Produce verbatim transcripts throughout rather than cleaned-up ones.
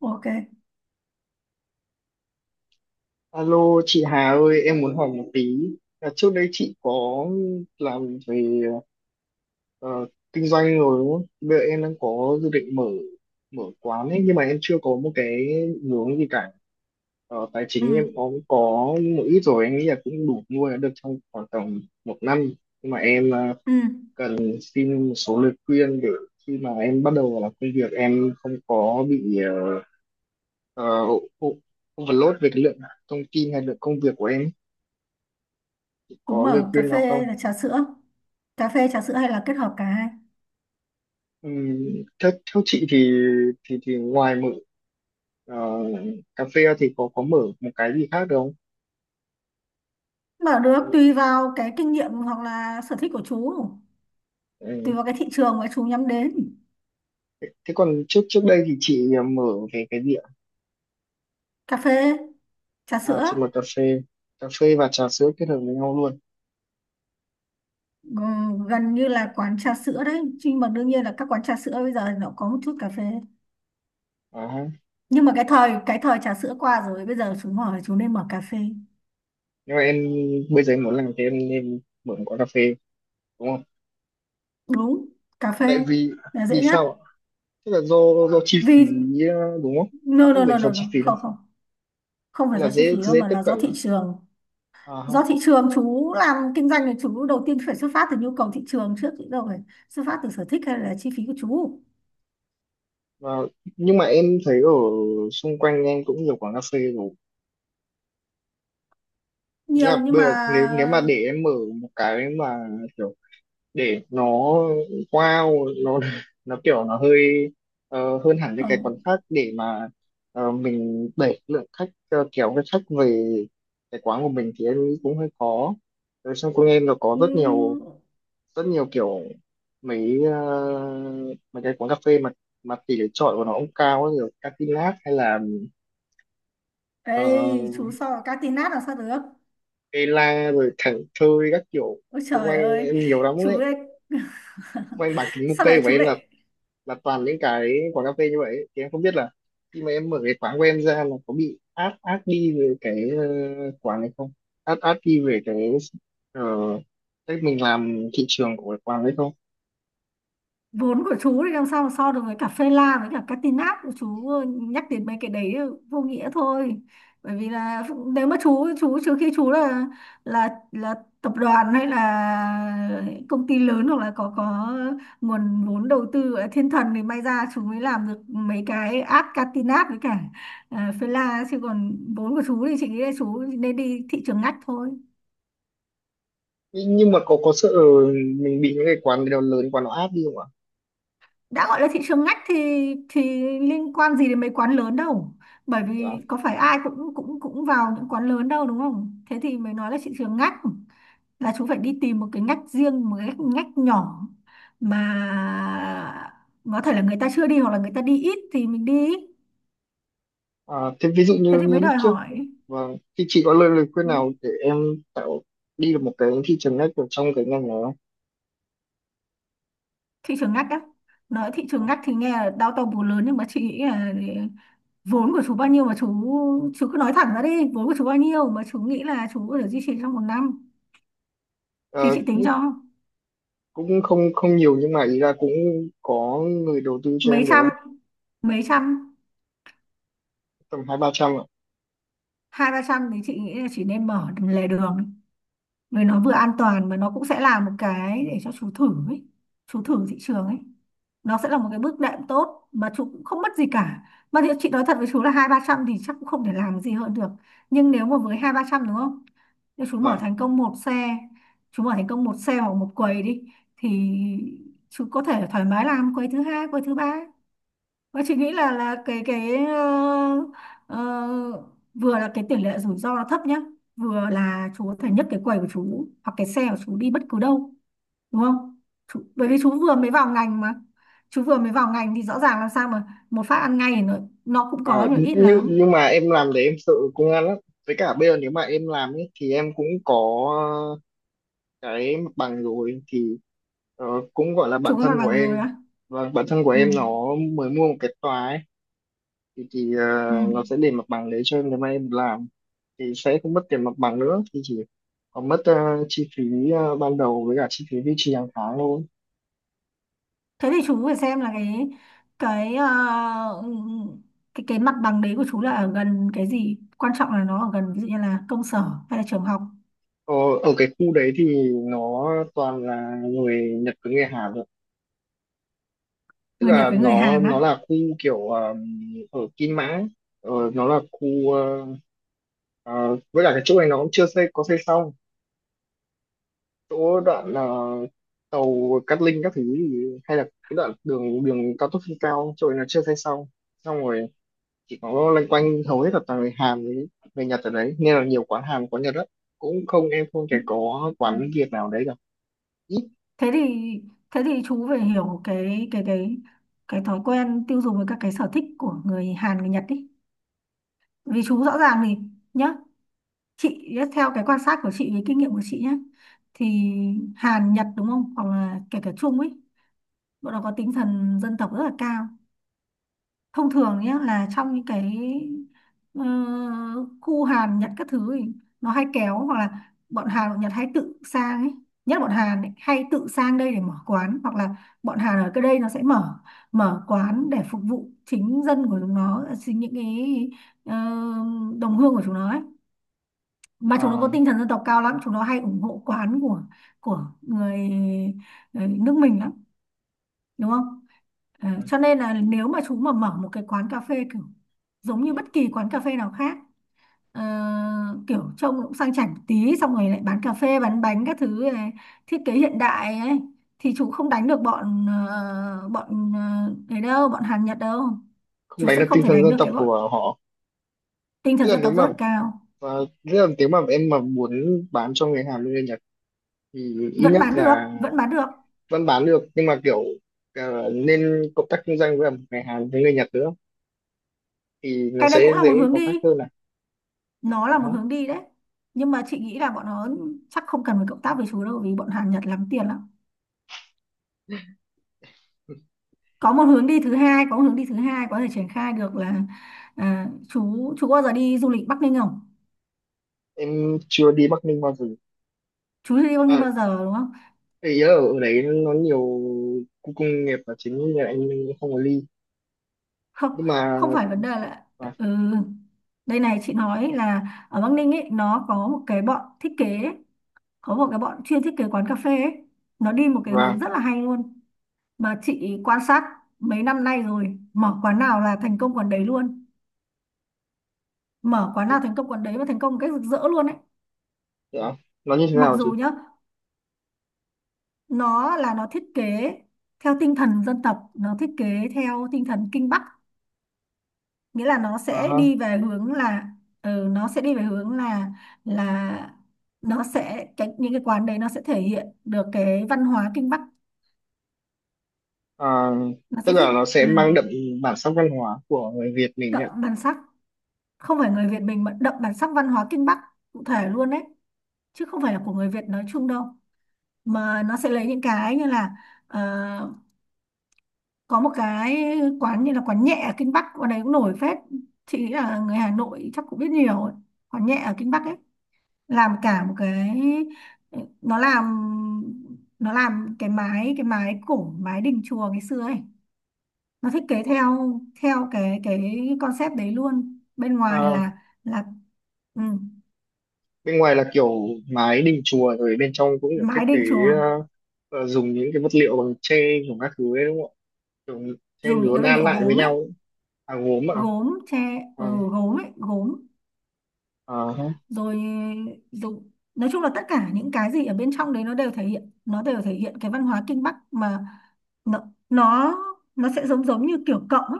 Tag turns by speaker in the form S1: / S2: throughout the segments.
S1: Ok.
S2: Alo chị Hà ơi, em muốn hỏi một tí. Là trước đây chị có làm về ờ, kinh doanh rồi đúng không? Bây giờ em đang có dự định mở mở quán ấy, nhưng mà em chưa có một cái định hướng gì cả. Ờ, tài
S1: Ừ,
S2: chính em có có một ít rồi, em nghĩ là cũng đủ nuôi được trong khoảng tầm một năm. Nhưng mà em ờ,
S1: ừ.
S2: cần xin một số lời khuyên để khi mà em bắt đầu làm công việc em không có bị ờ, ờ, overload về cái lượng thông tin hay lượng công việc của em.
S1: Chúng
S2: Có lời
S1: bảo cà
S2: khuyên nào
S1: phê
S2: không?
S1: hay là trà sữa. Cà phê, trà sữa hay là kết hợp cả hai.
S2: Ừ, theo theo chị thì thì thì ngoài mở ờ, cà phê ra thì có có mở một cái gì khác được không?
S1: Mở được tùy vào cái kinh nghiệm hoặc là sở thích của chú. Tùy
S2: Ừ.
S1: vào cái thị trường mà chú nhắm đến.
S2: Thế thế còn trước trước đây thì chị ờ, mở về cái gì ạ?
S1: Cà phê, trà
S2: À,
S1: sữa.
S2: chị mở cà phê, cà phê và trà sữa kết hợp với nhau luôn.
S1: ừ, Gần như là quán trà sữa đấy. Nhưng mà đương nhiên là các quán trà sữa bây giờ nó có một chút cà phê.
S2: À, ha.
S1: Nhưng mà cái thời cái thời trà sữa qua rồi. Bây giờ chú mở, chú nên mở cà phê.
S2: Nhưng mà em bây giờ em muốn làm thế em nên mở một quán cà phê đúng không?
S1: Đúng, cà phê
S2: Tại vì
S1: là
S2: Vì
S1: dễ nhất.
S2: sao ạ? Tức là do do chi phí
S1: Vì...
S2: ờ, đúng không?
S1: No,
S2: Tức
S1: no,
S2: về
S1: no,
S2: phần
S1: no,
S2: chi
S1: no.
S2: phí này
S1: Không, không. Không
S2: hay
S1: phải
S2: là
S1: do chi
S2: dễ
S1: phí đâu
S2: dễ
S1: mà
S2: tiếp
S1: là
S2: cận
S1: do thị
S2: lắm.
S1: trường,
S2: À,
S1: do
S2: không.
S1: thị trường. Chú làm kinh doanh thì chú đầu tiên phải xuất phát từ nhu cầu thị trường trước, chứ đâu phải xuất phát từ sở thích hay là chi phí của chú.
S2: Và nhưng mà em thấy ở xung quanh em cũng nhiều quán cà phê rồi. Ý
S1: Nhiều
S2: là
S1: nhưng
S2: bây
S1: mà
S2: giờ, nếu nếu mà để em mở một cái mà kiểu để nó wow nó nó kiểu nó hơi ờ, hơn hẳn những cái quán
S1: không.
S2: khác để mà ờ, mình đẩy lượng khách ờ, kéo cái khách về cái quán của mình thì em nghĩ cũng hơi khó. Rồi xong cô em nó có rất nhiều
S1: Ừm,
S2: rất nhiều kiểu mấy ờ, mấy cái quán cà phê mà mà tỷ lệ chọi của nó cũng cao ấy, rồi Catilat hay là
S1: ê chú,
S2: uh,
S1: so với cá tinát làm sao được.
S2: Ela rồi Thảnh Thơi các kiểu.
S1: Ôi
S2: Xung
S1: trời
S2: quanh
S1: ơi,
S2: em nhiều lắm
S1: chú
S2: đấy,
S1: ấy
S2: quanh bảng kính mục
S1: sao
S2: cây
S1: lại
S2: của
S1: chú
S2: em là
S1: lại
S2: là toàn những cái quán cà phê như vậy ấy. Thì em không biết là khi mà em mở cái quán của em ra là có bị át át đi về cái ờ, quán này không, át át đi về cái ờ, cách mình làm thị trường của cái quán đấy không.
S1: vốn của chú thì làm sao mà so được với cả phê la với cả Catinat của chú. Nhắc đến mấy cái đấy vô nghĩa thôi, bởi vì là nếu mà chú chú trừ khi chú là là là tập đoàn hay là công ty lớn, hoặc là có có nguồn vốn đầu tư ở thiên thần thì may ra chú mới làm được mấy cái app Catinat với cả uh, phê la, chứ còn vốn của chú thì chị nghĩ là chú nên đi thị trường ngách thôi.
S2: Nh- nhưng mà có có sợ mình bị những cái quán nào lớn quán nó áp đi không ạ?
S1: Đã gọi là thị trường ngách thì thì liên quan gì đến mấy quán lớn đâu, bởi
S2: Kiểu,
S1: vì có phải ai cũng cũng cũng vào những quán lớn đâu, đúng không? Thế thì mới nói là thị trường ngách, là chú phải đi tìm một cái ngách riêng, một cái ngách, ngách nhỏ mà có thể là người ta chưa đi hoặc là người ta đi ít thì mình đi.
S2: à, thế ví dụ
S1: Thế
S2: như
S1: thì
S2: như
S1: mới
S2: lúc
S1: đòi
S2: trước.
S1: hỏi
S2: Vâng, thì chị có lời lời khuyên nào để em tạo đi được một cái thị trường ngách ở trong cái ngành này không?
S1: thị trường ngách á. Nói thị
S2: Dạ.
S1: trường ngách thì nghe là đau to bù lớn, nhưng mà chị nghĩ là vốn của chú bao nhiêu mà chú chú cứ nói thẳng ra đi, vốn của chú bao nhiêu mà chú nghĩ là chú có thể duy trì trong một năm thì
S2: Ờ,
S1: chị tính cho.
S2: Cũng không không nhiều nhưng mà ý là cũng có người đầu tư cho
S1: Mấy
S2: em được
S1: trăm,
S2: á.
S1: mấy trăm.
S2: Tầm hai ba trăm ạ.
S1: Hai ba trăm thì chị nghĩ là chị nên mở lề đường, vì nó vừa an toàn mà nó cũng sẽ là một cái để cho chú thử ấy, chú thử thị trường ấy. Nó sẽ là một cái bước đệm tốt mà chú cũng không mất gì cả, mà thì chị nói thật với chú là hai ba trăm thì chắc cũng không thể làm gì hơn được. Nhưng nếu mà với hai ba trăm, đúng không, nếu chú mở
S2: Vâng.
S1: thành công một xe, chú mở thành công một xe hoặc một quầy đi, thì chú có thể thoải mái làm quầy thứ hai, quầy thứ ba. Và chị nghĩ là là cái cái ờ, ờ, vừa là cái tỷ lệ rủi ro nó thấp nhá, vừa là chú có thể nhấc cái quầy của chú hoặc cái xe của chú đi bất cứ đâu, đúng không? Chú, bởi vì chú vừa mới vào ngành mà. Chú vừa mới vào ngành thì rõ ràng làm sao mà một phát ăn ngay thì nó, nó cũng có
S2: À,
S1: nhưng mà ít
S2: nhưng
S1: lắm.
S2: nhưng mà em làm để em sợ công an lắm, với cả bây giờ nếu mà em làm ấy thì em cũng có cái mặt bằng rồi thì ờ, cũng gọi là bạn
S1: Chú có mặt
S2: thân của
S1: bằng rồi
S2: em
S1: á.
S2: và bạn thân của
S1: Ừ.
S2: em nó mới mua một cái tòa ấy, thì, thì ờ,
S1: Ừ.
S2: nó sẽ để mặt bằng đấy cho em nếu mà em làm thì sẽ không mất tiền mặt bằng nữa thì chỉ còn mất ờ, chi phí ờ, ban đầu với cả chi phí duy trì hàng tháng thôi.
S1: Thế thì chú phải xem là cái cái ờ, cái cái mặt bằng đấy của chú là ở gần cái gì, quan trọng là nó ở gần ví dụ như là công sở hay là trường học.
S2: Ờ, Ở cái khu đấy thì nó toàn là người Nhật với người Hàn thôi. Tức
S1: Người Nhật
S2: là
S1: với người
S2: nó
S1: Hàn
S2: nó
S1: á?
S2: là khu kiểu ờm, ở Kim Mã, ấy. Ờ, nó là khu ờ, ờ, với cả cái chỗ này nó cũng chưa xây có xây xong. Chỗ đoạn ờ, tàu Cát Linh các thứ thì, hay là cái đoạn đường đường cao tốc trên cao chỗ này nó chưa xây xong. Xong rồi chỉ có loanh quanh hầu hết là toàn người Hàn với người Nhật ở đấy nên là nhiều quán Hàn quán Nhật đó cũng không em không
S1: Ừ.
S2: thể có
S1: Ừ.
S2: quán Việt nào đấy cả, ít.
S1: thế thì thế thì chú phải hiểu cái cái cái cái thói quen tiêu dùng với các cái sở thích của người Hàn người Nhật đi, vì chú rõ ràng thì nhá, chị nhá, theo cái quan sát của chị với kinh nghiệm của chị nhá, thì Hàn Nhật, đúng không, hoặc là kể cả Trung ấy, bọn nó có tinh thần dân tộc rất là cao. Thông thường nhé, là trong những cái ờ, khu Hàn Nhật các thứ ấy, nó hay kéo hoặc là bọn Hàn bọn Nhật hay tự sang ấy, nhất là bọn Hàn ấy, hay tự sang đây để mở quán, hoặc là bọn Hàn ở cái đây nó sẽ mở mở quán để phục vụ chính dân của chúng nó, chính những cái ờ, đồng hương của chúng nó ấy. Mà chúng nó
S2: Ờ,
S1: có tinh thần dân tộc cao lắm, chúng nó hay ủng hộ quán của của người, người nước mình lắm, đúng không? Ờ, cho nên là nếu mà chú mà mở một cái quán cà phê kiểu giống như bất kỳ quán cà phê nào khác, ờ, kiểu trông cũng sang chảnh một tí, xong rồi lại bán cà phê bán bánh các thứ này, thiết kế hiện đại ấy, thì chú không đánh được bọn ờ, bọn uh, ấy đâu, bọn Hàn Nhật đâu.
S2: Không
S1: Chú
S2: đánh
S1: sẽ
S2: được
S1: không
S2: tinh
S1: thể
S2: thần
S1: đánh
S2: dân
S1: được
S2: tộc
S1: cái bọn
S2: của họ.
S1: tinh
S2: Tức
S1: thần
S2: là
S1: dân
S2: nếu
S1: tộc
S2: mà
S1: rất cao.
S2: uh, tức là nếu mà em mà muốn bán cho người Hàn người Nhật thì ít
S1: Vẫn
S2: nhất
S1: bán được,
S2: là
S1: vẫn bán được.
S2: vẫn bán được nhưng mà kiểu ờ, nên cộng tác kinh doanh với cả người Hàn với người Nhật nữa thì nó
S1: Cái
S2: sẽ
S1: đấy cũng là một
S2: dễ
S1: hướng
S2: có khách
S1: đi,
S2: hơn này.
S1: nó
S2: Ờ
S1: là
S2: hả.
S1: một hướng đi đấy. Nhưng mà chị nghĩ là bọn nó chắc không cần phải cộng tác với chú đâu, vì bọn Hàn Nhật lắm tiền lắm. Có một hướng đi thứ hai, có một hướng đi thứ hai có thể triển khai được là à, chú chú bao giờ đi du lịch Bắc Ninh không?
S2: Em chưa đi Bắc Ninh bao giờ.
S1: Chú chưa đi Bắc Ninh
S2: À,
S1: bao giờ, đúng không?
S2: ý là ở đấy nó nhiều khu công nghiệp là chính nên là em không có ly.
S1: Không,
S2: Nhưng mà
S1: không phải vấn đề là
S2: và,
S1: ừ, đây này chị nói là ở Bắc Ninh ấy, nó có một cái bọn thiết kế ấy, có một cái bọn chuyên thiết kế quán cà phê ấy. Nó đi một cái hướng
S2: và
S1: rất là hay luôn mà chị quan sát mấy năm nay rồi, mở quán nào là thành công quán đấy luôn, mở quán nào thành công quán đấy và thành công một cách rực rỡ luôn ấy.
S2: dạ, nó như thế
S1: Mặc
S2: nào
S1: dù
S2: chứ?
S1: nhá, nó là nó thiết kế theo tinh thần dân tộc, nó thiết kế theo tinh thần Kinh Bắc, nghĩa là nó
S2: Ờ
S1: sẽ
S2: hả.
S1: đi về hướng là ừ, nó sẽ đi về hướng là là nó sẽ cái, những cái quán đấy nó sẽ thể hiện được cái văn hóa Kinh Bắc.
S2: Ờ,
S1: Nó
S2: Tức
S1: sẽ thích
S2: là nó sẽ
S1: ừ,
S2: mang đậm bản sắc văn hóa của người Việt mình
S1: đậm
S2: ạ.
S1: bản sắc. Không phải người Việt mình, mà đậm bản sắc văn hóa Kinh Bắc cụ thể luôn đấy, chứ không phải là của người Việt nói chung đâu. Mà nó sẽ lấy những cái như là ờ, có một cái quán như là quán nhẹ ở Kinh Bắc, quán đấy cũng nổi phết, chị nghĩ là người Hà Nội chắc cũng biết nhiều ấy. Quán nhẹ ở Kinh Bắc ấy làm cả một cái, nó làm, nó làm cái mái, cái mái cổ, mái đình chùa ngày xưa ấy. Nó thiết kế theo theo cái cái concept đấy luôn. Bên ngoài
S2: Ờ,
S1: là là ừ,
S2: Bên ngoài là kiểu mái đình chùa rồi bên trong cũng được thiết
S1: mái
S2: kế
S1: đình chùa,
S2: ờ, ờ, dùng những cái vật liệu bằng tre của các thứ ấy đúng không ạ? Kiểu tre
S1: dùng những
S2: nứa
S1: cái vật
S2: đan
S1: liệu
S2: lại với
S1: gốm ấy,
S2: nhau ấy. À, gốm ạ.
S1: gốm tre,
S2: À,
S1: ừ, gốm ấy, gốm.
S2: à,
S1: Rồi rồi nói chung là tất cả những cái gì ở bên trong đấy nó đều thể hiện, nó đều thể hiện cái văn hóa Kinh Bắc mà. Nó nó nó sẽ giống, giống như kiểu cộng ấy.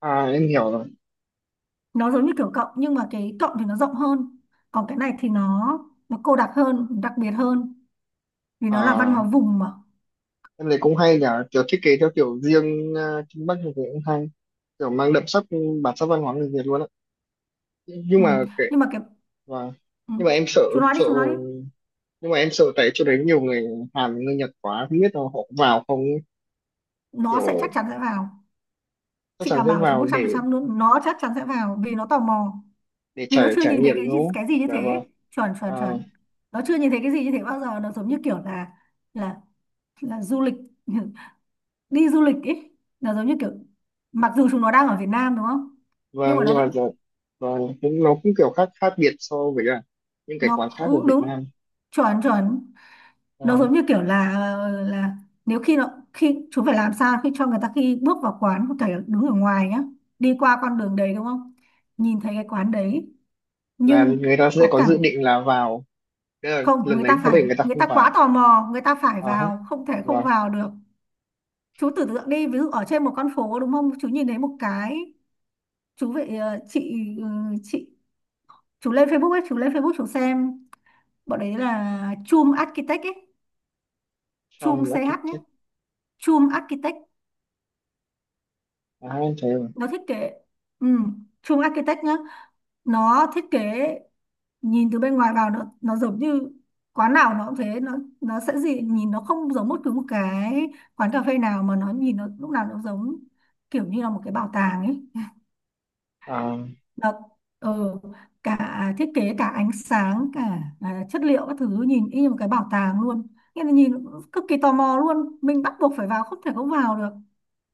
S2: à, em hiểu rồi.
S1: Nó giống như kiểu cộng nhưng mà cái cộng thì nó rộng hơn, còn cái này thì nó nó cô đặc hơn, đặc biệt hơn, vì nó là văn
S2: À,
S1: hóa vùng mà.
S2: em thấy cũng hay nhỉ, kiểu thiết kế theo kiểu riêng ờ, Kinh Bắc thì cũng hay, kiểu mang đậm sắc bản sắc văn hóa người Việt luôn á. Nhưng
S1: Ừ.
S2: mà kệ
S1: Nhưng mà cái
S2: và
S1: ừ.
S2: nhưng mà em sợ
S1: Chú nói đi,
S2: sợ
S1: chú nói đi.
S2: nhưng mà em sợ tại chỗ đấy nhiều người Hàn người Nhật quá không biết là họ vào không ấy.
S1: Nó sẽ, chắc
S2: Kiểu
S1: chắn sẽ vào.
S2: chắc
S1: Chị
S2: chắn
S1: đảm
S2: sẽ
S1: bảo chú
S2: vào để
S1: một trăm phần trăm luôn, nó chắc chắn sẽ vào vì nó tò mò,
S2: để
S1: vì
S2: trải
S1: nó chưa
S2: trải
S1: nhìn thấy
S2: nghiệm
S1: cái
S2: đúng
S1: gì,
S2: không?
S1: cái gì như
S2: Dạ
S1: thế.
S2: vâng.
S1: Chuẩn,
S2: À,
S1: chuẩn, chuẩn. Nó chưa nhìn thấy cái gì như thế bao giờ, nó giống như kiểu là là là du lịch, đi du lịch ấy. Nó giống như kiểu, mặc dù chúng nó đang ở Việt Nam, đúng không, nhưng
S2: vâng
S1: mà nó
S2: nhưng mà
S1: vẫn,
S2: dạ, vâng cũng nó cũng kiểu khác khác biệt so với cả những cái quán
S1: nó
S2: khác của
S1: ừ,
S2: Việt
S1: đúng,
S2: Nam.
S1: chuẩn, chuẩn.
S2: Ờ,
S1: Nó giống như kiểu là là nếu khi nó, khi chúng phải làm sao khi cho người ta khi bước vào quán có thể đứng ở ngoài nhá, đi qua con đường đấy, đúng không, nhìn thấy cái quán đấy,
S2: là
S1: nhưng
S2: người ta sẽ
S1: có
S2: có
S1: cảm.
S2: dự định là vào. Thế là
S1: Không,
S2: lần
S1: người
S2: đấy
S1: ta
S2: có
S1: phải,
S2: thể người ta
S1: người
S2: không
S1: ta quá
S2: vào.
S1: tò mò, người ta phải
S2: À, hết.
S1: vào, không thể không
S2: Vâng,
S1: vào được. Chú tưởng tượng đi, ví dụ ở trên một con phố, đúng không, chú nhìn thấy một cái, chú vậy ờ, chị ừ, chị, chú lên Facebook ấy, chú lên Facebook chú xem, bọn đấy là Chum Architect ấy. Chum
S2: xong
S1: xê hát nhé,
S2: architect.
S1: Chum Architect,
S2: À, em thấy rồi.
S1: nó thiết kế ừ, Chum Architect nhá, nó thiết kế nhìn từ bên ngoài vào, nó nó giống như quán nào nó cũng thế, nó nó sẽ gì, nhìn nó không giống bất cứ một cái quán cà phê nào, mà nó nhìn nó lúc nào nó giống kiểu như là một cái bảo tàng ấy.
S2: À,
S1: Nó ừ, cả thiết kế, cả ánh sáng, cả à, chất liệu các thứ nhìn y như một cái bảo tàng luôn, nghĩa là nhìn cực kỳ tò mò luôn, mình bắt buộc phải vào, không thể không vào được.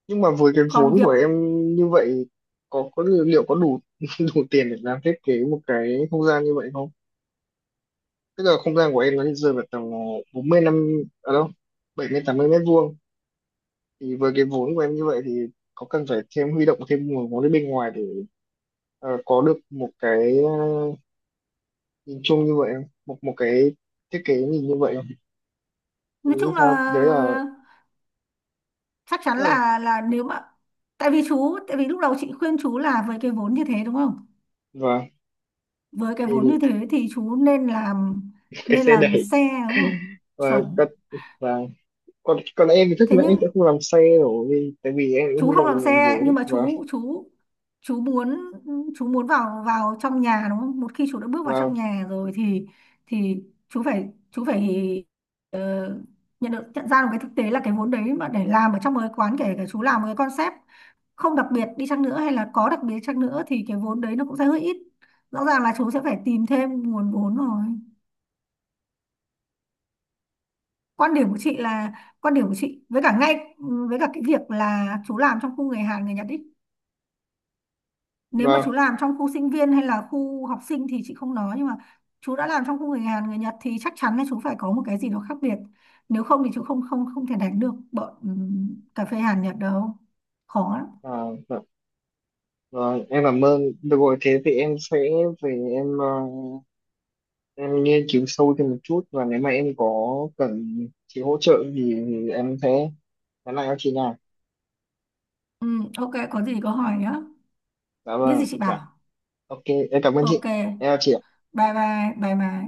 S2: nhưng mà với cái vốn
S1: Còn
S2: của
S1: việc
S2: em như vậy có có liệu có đủ đủ tiền để làm thiết kế một cái không gian như vậy không? Tức là không gian của em nó rơi vào tầm ờ, bốn mươi năm ở đâu bảy mươi tám mươi mét vuông thì với cái vốn của em như vậy thì có cần phải thêm huy động thêm nguồn vốn ở bên ngoài để ờ, có được một cái ờ, nhìn chung như vậy không? Một một cái thiết kế nhìn như vậy không?
S1: nói
S2: Em nghĩ
S1: chung là
S2: sao? Đấy là,
S1: chắc chắn
S2: tức là
S1: là là nếu mà tại vì chú, tại vì lúc đầu chị khuyên chú là với cái vốn như thế, đúng không,
S2: và
S1: với cái vốn như
S2: thì
S1: thế thì chú nên làm,
S2: cái
S1: nên
S2: xe
S1: làm
S2: đẩy
S1: xe, đúng không?
S2: và
S1: Chuẩn.
S2: các và còn còn em thì chắc
S1: Thế
S2: là em
S1: nhưng
S2: sẽ không làm xe rồi vì tại vì em cũng
S1: chú
S2: huy
S1: không
S2: động được
S1: làm
S2: nguồn
S1: xe,
S2: vốn
S1: nhưng mà
S2: và
S1: chú chú chú muốn, chú muốn vào vào trong nhà, đúng không, một khi chú đã bước vào
S2: và
S1: trong nhà rồi thì thì chú phải chú phải ờ, nhận được, nhận ra được cái thực tế là cái vốn đấy mà để làm ở trong một cái quán, kể cả chú làm một cái concept không đặc biệt đi chăng nữa, hay là có đặc biệt chăng nữa, thì cái vốn đấy nó cũng sẽ hơi ít, rõ ràng là chú sẽ phải tìm thêm nguồn vốn rồi. Quan điểm của chị là, quan điểm của chị với cả ngay với cả cái việc là chú làm trong khu người Hàn người Nhật ý, nếu mà
S2: và
S1: chú làm trong khu sinh viên hay là khu học sinh thì chị không nói, nhưng mà chú đã làm trong khu người Hàn người Nhật thì chắc chắn là chú phải có một cái gì đó khác biệt, nếu không thì chú không không không thể đánh được bọn ừm, cà phê Hàn Nhật đâu, khó lắm.
S2: À, và, và em cảm ơn được rồi thế thì em sẽ về em ờ, em nghiên cứu sâu thêm một chút và nếu mà em có cần chị hỗ trợ thì em sẽ nhắn lại cho chị nha.
S1: Ừm, ok, có gì có hỏi nhá,
S2: Dạ
S1: biết gì
S2: vâng
S1: chị
S2: dạ.
S1: bảo.
S2: Ok, em cảm ơn chị.
S1: Ok.
S2: Em chào chị.
S1: Bye bye, bye bye.